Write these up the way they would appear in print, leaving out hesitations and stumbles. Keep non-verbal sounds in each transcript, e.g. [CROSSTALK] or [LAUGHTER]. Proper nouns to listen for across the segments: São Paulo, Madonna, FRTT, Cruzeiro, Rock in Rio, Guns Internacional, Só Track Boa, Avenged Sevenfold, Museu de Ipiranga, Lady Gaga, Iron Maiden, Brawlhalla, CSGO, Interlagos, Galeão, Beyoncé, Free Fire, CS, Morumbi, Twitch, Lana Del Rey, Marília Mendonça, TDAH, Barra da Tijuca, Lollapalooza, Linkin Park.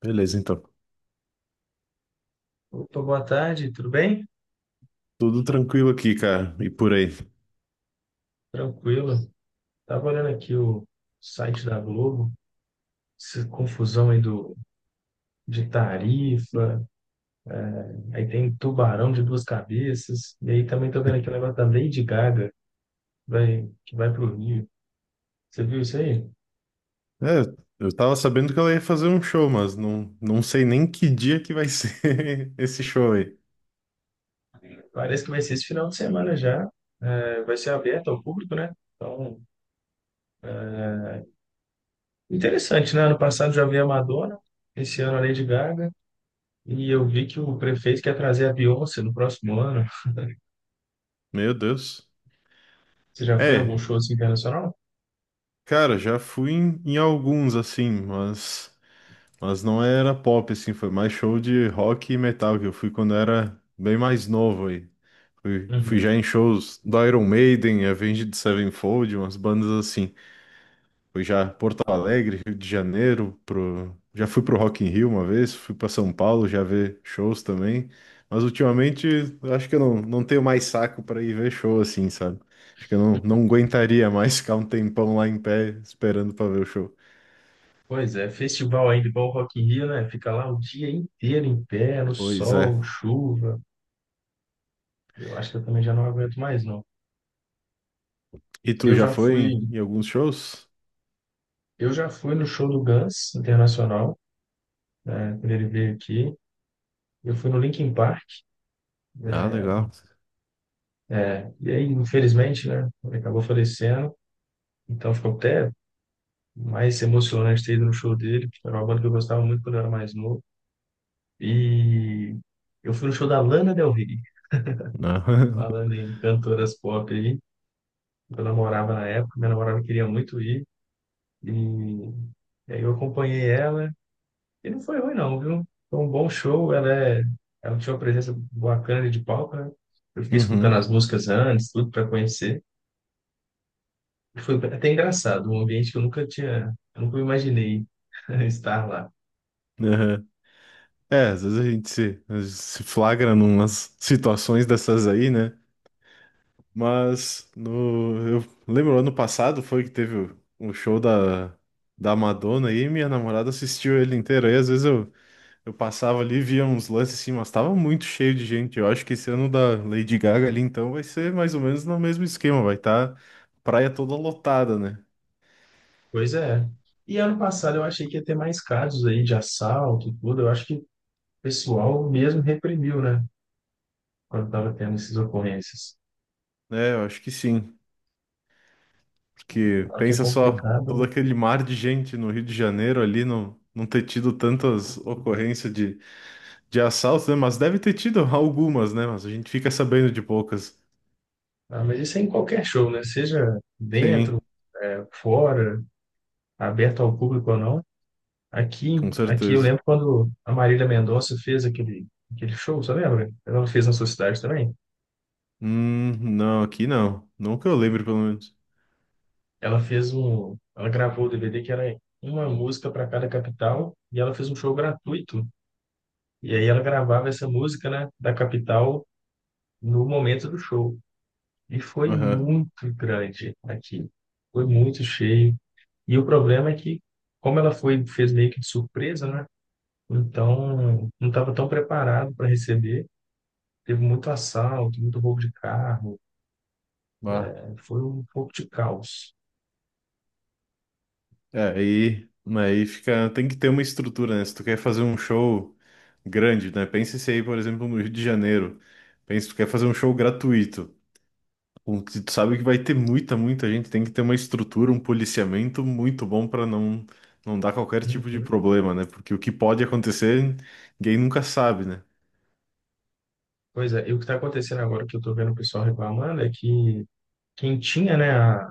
Beleza, então. Opa, boa tarde, tudo bem? Tudo tranquilo aqui, cara. E por aí. Tranquilo. Estava olhando aqui o site da Globo, essa confusão aí de tarifa, aí tem tubarão de duas cabeças, e aí também tô vendo aqui o negócio da Lady Gaga, que vai para o Rio. Você viu isso aí? É, eu tava sabendo que ela ia fazer um show, mas não sei nem que dia que vai [LAUGHS] ser esse show aí. Parece que vai ser esse final de semana já, vai ser aberto ao público, né? Então, interessante, né? Ano passado já vi a Madonna, esse ano a Lady Gaga, e eu vi que o prefeito quer trazer a Beyoncé no próximo ano. Meu Deus. Você já foi a algum É, show assim, internacional? cara, já fui em alguns, assim, mas não era pop, assim. Foi mais show de rock e metal que eu fui quando era bem mais novo aí. Fui Uhum. já em shows do Iron Maiden, Avenged Sevenfold, umas bandas assim. Fui já Porto Alegre, Rio de Janeiro, já fui pro Rock in Rio uma vez, fui para São Paulo já ver shows também. Mas ultimamente eu acho que eu não tenho mais saco para ir ver show assim, sabe? Acho que eu não aguentaria mais [LAUGHS] ficar um tempão lá em pé esperando para ver o show. Pois é, festival ainda igual o Rock in Rio, né? Fica lá o dia inteiro em pé, no Pois é. sol, chuva. Eu acho que eu também já não aguento mais, não. E tu Eu já já foi fui, em alguns shows? eu já fui no show do Guns Internacional, né? Quando ele veio aqui. Eu fui no Linkin Park, Ah, né? legal. E aí, infelizmente, né? Ele acabou falecendo. Então ficou até mais emocionante ter ido no show dele, porque era uma banda que eu gostava muito quando eu era mais novo. E eu fui no show da Lana Del Rey, Ah, [LAUGHS] falando em cantoras pop, eu namorava na época, minha namorada queria muito ir, e, e aí eu acompanhei ela, e não foi ruim não, viu? Foi um bom show, ela tinha uma presença bacana de palco, né? Eu fiquei escutando Uhum. as músicas antes, tudo para conhecer, e foi até engraçado, um ambiente que eu nunca tinha, eu nunca imaginei [LAUGHS] estar lá. Aham. É, às vezes a gente se flagra numas situações dessas aí, né? Mas no, eu lembro, ano passado foi que teve o show da Madonna aí, e minha namorada assistiu ele inteiro. Aí às vezes eu passava ali e via uns lances assim, mas tava muito cheio de gente. Eu acho que esse ano da Lady Gaga ali, então, vai ser mais ou menos no mesmo esquema. Vai estar praia toda lotada, né? Pois é. E ano passado eu achei que ia ter mais casos aí de assalto e tudo, eu acho que o pessoal mesmo reprimiu, né? Quando estava tendo essas ocorrências. É, eu acho que sim. Porque Claro que é pensa só, complicado, todo né? aquele mar de gente no Rio de Janeiro ali, não ter tido tantas ocorrências de assaltos, né? Mas deve ter tido algumas, né? Mas a gente fica sabendo de poucas. Ah, mas isso é em qualquer show, né? Seja dentro, Sim, né, fora, aberto ao público ou não. com Aqui eu certeza. lembro quando a Marília Mendonça fez aquele show, você lembra? Ela fez na sua cidade também. Não, aqui não. Não que eu lembre, pelo menos. Ela fez um, ela gravou o DVD que era uma música para cada capital e ela fez um show gratuito. E aí ela gravava essa música, né, da capital no momento do show. E foi Aham. muito grande aqui. Foi muito cheio. E o problema é que, como ela foi, fez meio que de surpresa, né? Então, não estava tão preparado para receber. Teve muito assalto, muito roubo de carro. Bah. Né? Foi um pouco de caos. É, aí fica. Tem que ter uma estrutura, né? Se tu quer fazer um show grande, né? Pensa se aí, por exemplo, no Rio de Janeiro. Pensa, tu quer fazer um show gratuito. O que tu sabe que vai ter muita, muita gente. Tem que ter uma estrutura, um policiamento muito bom para não dar qualquer tipo de Uhum. problema, né? Porque o que pode acontecer, ninguém nunca sabe, né? Pois é, e o que está acontecendo agora que eu estou vendo o pessoal reclamando é que quem tinha, né,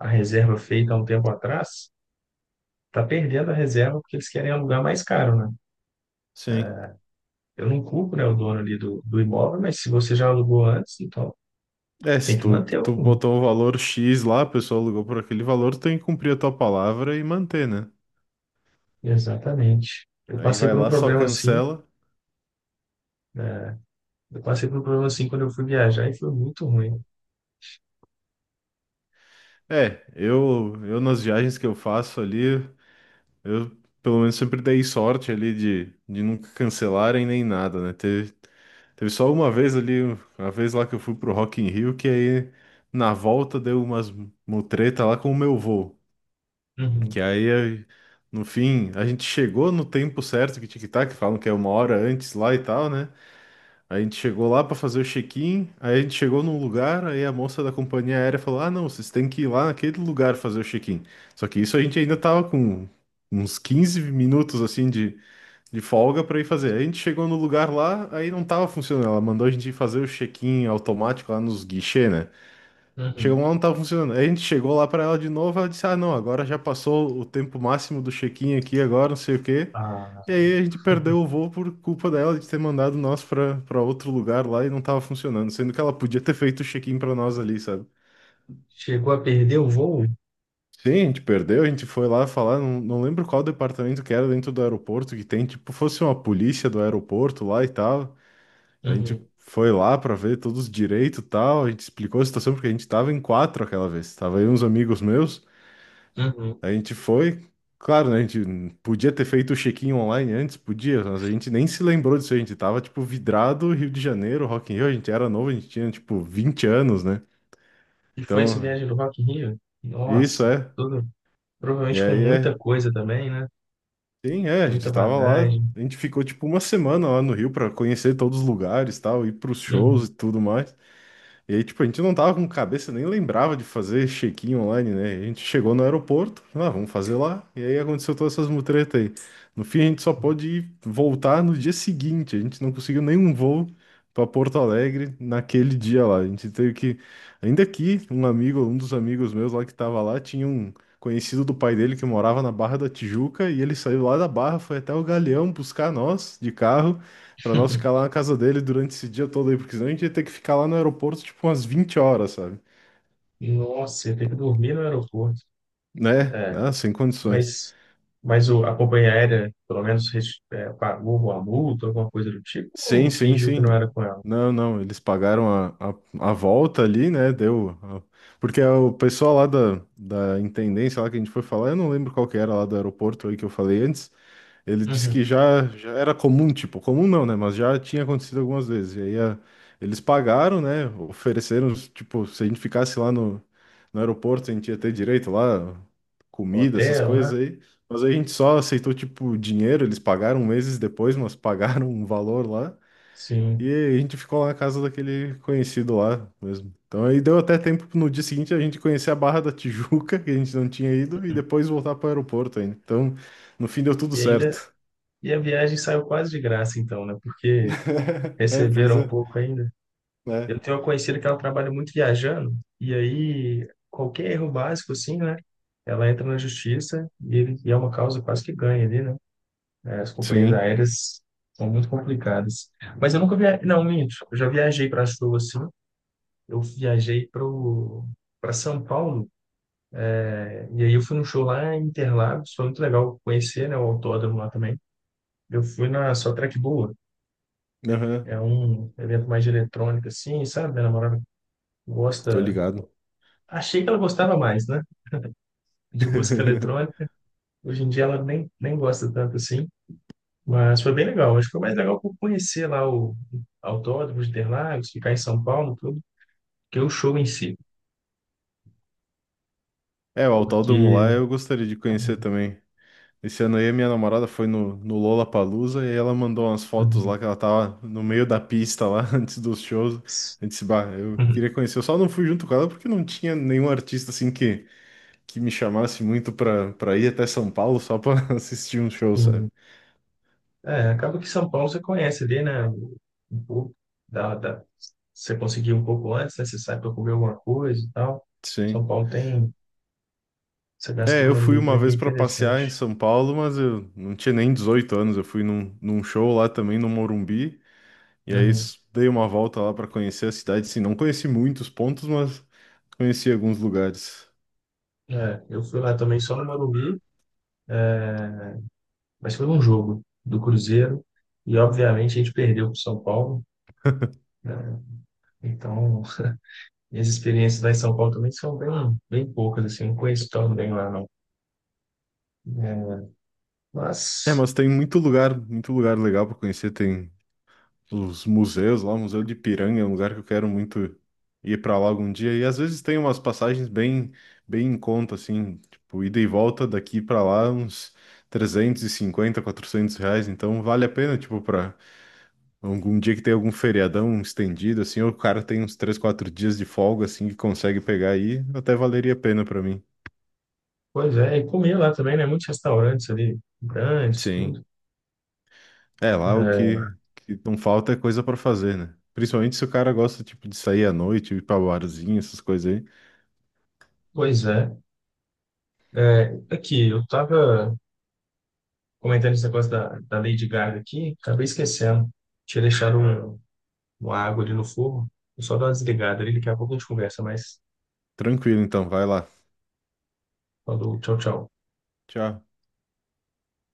a reserva feita há um tempo atrás está perdendo a reserva porque eles querem alugar mais caro, né? Sim. Eu não culpo, né, o do imóvel, mas se você já alugou antes, então É, tem se que tu, manter o. tu botou um valor X lá, a pessoa alugou por aquele valor, tu tem que cumprir a tua palavra e manter, né? Exatamente. Eu Aí passei vai por um lá, só problema assim, cancela. né? Eu passei por um problema assim quando eu fui viajar e foi muito ruim. É, eu nas viagens que eu faço ali. Eu, pelo menos, sempre dei sorte ali de nunca cancelarem nem nada, né? Teve só uma vez ali, uma vez lá que eu fui pro Rock in Rio, que aí na volta deu umas mutreta lá com o meu voo. Que Uhum, aí, no fim, a gente chegou no tempo certo, que tic-tac, falam que é uma hora antes lá e tal, né? A gente chegou lá pra fazer o check-in, aí a gente chegou num lugar, aí a moça da companhia aérea falou: Ah, não, vocês têm que ir lá naquele lugar fazer o check-in. Só que isso a gente ainda tava com uns 15 minutos assim de folga pra ir fazer. Aí a gente chegou no lugar lá, aí não tava funcionando. Ela mandou a gente ir fazer o check-in automático lá nos guichês, né? Chegou uhum. lá, não tava funcionando. Aí a gente chegou lá pra ela de novo, ela disse: Ah, não, agora já passou o tempo máximo do check-in aqui, agora não sei o quê. Ah, E aí a gente perdeu o voo por culpa dela de ter mandado nós pra outro lugar lá e não tava funcionando, sendo que ela podia ter feito o check-in pra nós ali, sabe? chegou a perder o voo? Sim, a gente perdeu, a gente foi lá falar, não lembro qual departamento que era dentro do aeroporto que tem, tipo, fosse uma polícia do aeroporto lá e tal. A gente Uhum, foi lá pra ver todos os direitos e tal, a gente explicou a situação porque a gente tava em quatro aquela vez, tava aí uns amigos meus. uhum. A gente foi, claro, né? A gente podia ter feito o check-in online antes, podia, mas a gente nem se lembrou disso. A gente tava, tipo, vidrado Rio de Janeiro, Rock in Rio. A gente era novo, a gente tinha, tipo, 20 anos, né? E foi essa Então, viagem do Rock in Rio? isso Nossa, é. tudo, E provavelmente com aí muita é. coisa também, né? Sim, é. A gente Muita tava lá, bagagem. a gente ficou, tipo, uma semana lá no Rio pra conhecer todos os lugares, tal, ir pros shows Uhum. e tudo mais. E aí, tipo, a gente não tava com cabeça, nem lembrava de fazer check-in online, né? A gente chegou no aeroporto, ah, vamos fazer lá. E aí aconteceu todas essas mutretas aí. No fim, a gente só pôde ir voltar no dia seguinte. A gente não conseguiu nenhum voo para Porto Alegre naquele dia lá. A gente teve que. Ainda aqui, um amigo, um dos amigos meus lá que tava lá, tinha um conhecido do pai dele que morava na Barra da Tijuca. E ele saiu lá da Barra, foi até o Galeão buscar nós de carro. Pra nós ficar lá [LAUGHS] na casa dele durante esse dia todo aí, porque senão a gente ia ter que ficar lá no aeroporto tipo umas 20 horas, sabe? Nossa, ia ter que dormir no aeroporto. Né? É, Né? Sem condições. mas, mas a companhia aérea, pelo menos, é, pagou uma multa, alguma coisa do tipo, Sim, ou sim, fingiu que sim. não era com ela? Não, não, eles pagaram a volta ali, né? Deu. Porque o pessoal lá da intendência lá que a gente foi falar, eu não lembro qual que era lá do aeroporto aí que eu falei antes, ele disse Uhum. que já era comum, tipo, comum não, né? Mas já tinha acontecido algumas vezes. E aí eles pagaram, né? Ofereceram, tipo, se a gente ficasse lá no aeroporto, a gente ia ter direito lá, comida, essas Hotel, né? coisas aí. Mas aí a gente só aceitou, tipo, dinheiro. Eles pagaram meses depois, mas [LAUGHS] pagaram um valor lá. E Sim. a gente ficou lá na casa daquele conhecido lá mesmo. Então aí deu até tempo no dia seguinte a gente conhecer a Barra da Tijuca, que a gente não tinha ido, e depois voltar para o aeroporto ainda. Então, no fim deu tudo E ainda, certo. e a viagem saiu quase de graça, então, né? Porque [LAUGHS] É, pois receberam um é, pouco ainda. né? Eu tenho uma conhecida que ela trabalha muito viajando, e aí qualquer erro básico, assim, né? Ela entra na justiça e é uma causa quase que ganha ali, né? É, as companhias Sim, aéreas são muito complicadas. Mas eu nunca viajei. Não, minto. Eu já viajei para show, assim. Eu viajei pro para São Paulo, é, e aí eu fui num show lá em Interlagos, foi muito legal conhecer, né, o autódromo lá também. Eu fui na Só Track Boa, aham, é um evento mais de eletrônica, assim, sabe? Minha namorada tô gosta. ligado. Achei que ela gostava mais, né? De música [LAUGHS] eletrônica. Hoje em dia ela nem gosta tanto assim. Mas foi bem legal. Acho que foi mais legal por conhecer lá o Autódromo de Interlagos, ficar em São Paulo, tudo, que o show em si. É, o Autódromo lá Porque. eu gostaria de conhecer também. Esse ano aí a minha namorada foi no Lollapalooza e ela mandou umas fotos Uhum. lá que ela tava no meio da pista lá [LAUGHS] antes dos shows. Eu disse, bah, eu Uhum. queria conhecer. Eu só não fui junto com ela porque não tinha nenhum artista assim que me chamasse muito pra ir até São Paulo só pra [LAUGHS] assistir um show, sabe? Sim. É, acaba que São Paulo você conhece ali, né? Um pouco da... Você conseguir um pouco antes, né? Você sai para comer alguma coisa e tal. São Sim. Paulo tem essa É, eu fui gastronomia uma também que é vez para passear em interessante. São Paulo, mas eu não tinha nem 18 anos. Eu fui num show lá também no Morumbi, e aí Uhum. Dei uma volta lá para conhecer a cidade. Sim, não conheci muitos pontos, mas conheci alguns lugares. É, eu fui lá também só no Morumbi, mas foi um jogo do Cruzeiro e, obviamente, a gente perdeu para o São Paulo. Né? Então, minhas experiências lá em São Paulo também são bem, bem poucas, assim, não conheço tão bem lá, não. É, É, mas, mas tem muito lugar legal para conhecer. Tem os museus lá, o Museu de Ipiranga é um lugar que eu quero muito ir para lá algum dia. E às vezes tem umas passagens bem, bem em conta, assim, tipo, ida e volta daqui para lá, uns R$ 350, 400. Então vale a pena, tipo, para algum dia que tem algum feriadão estendido, assim, ou o cara tem uns 3, 4 dias de folga, assim, que consegue pegar aí, até valeria a pena para mim. pois é, e comer lá também, né? Muitos restaurantes ali, grandes, Sim. tudo. É, lá o É, que não falta é coisa para fazer, né? Principalmente se o cara gosta, tipo, de sair à noite, ir pra barzinho, essas coisas. pois é. É, aqui, eu estava comentando esse negócio da Lady Gaga aqui, acabei esquecendo. Tinha deixado um, uma água ali no fogo, vou só dar uma desligada ali, daqui a pouco a gente conversa, mas Tranquilo, então, vai lá. falou, tchau, tchau. Tchau.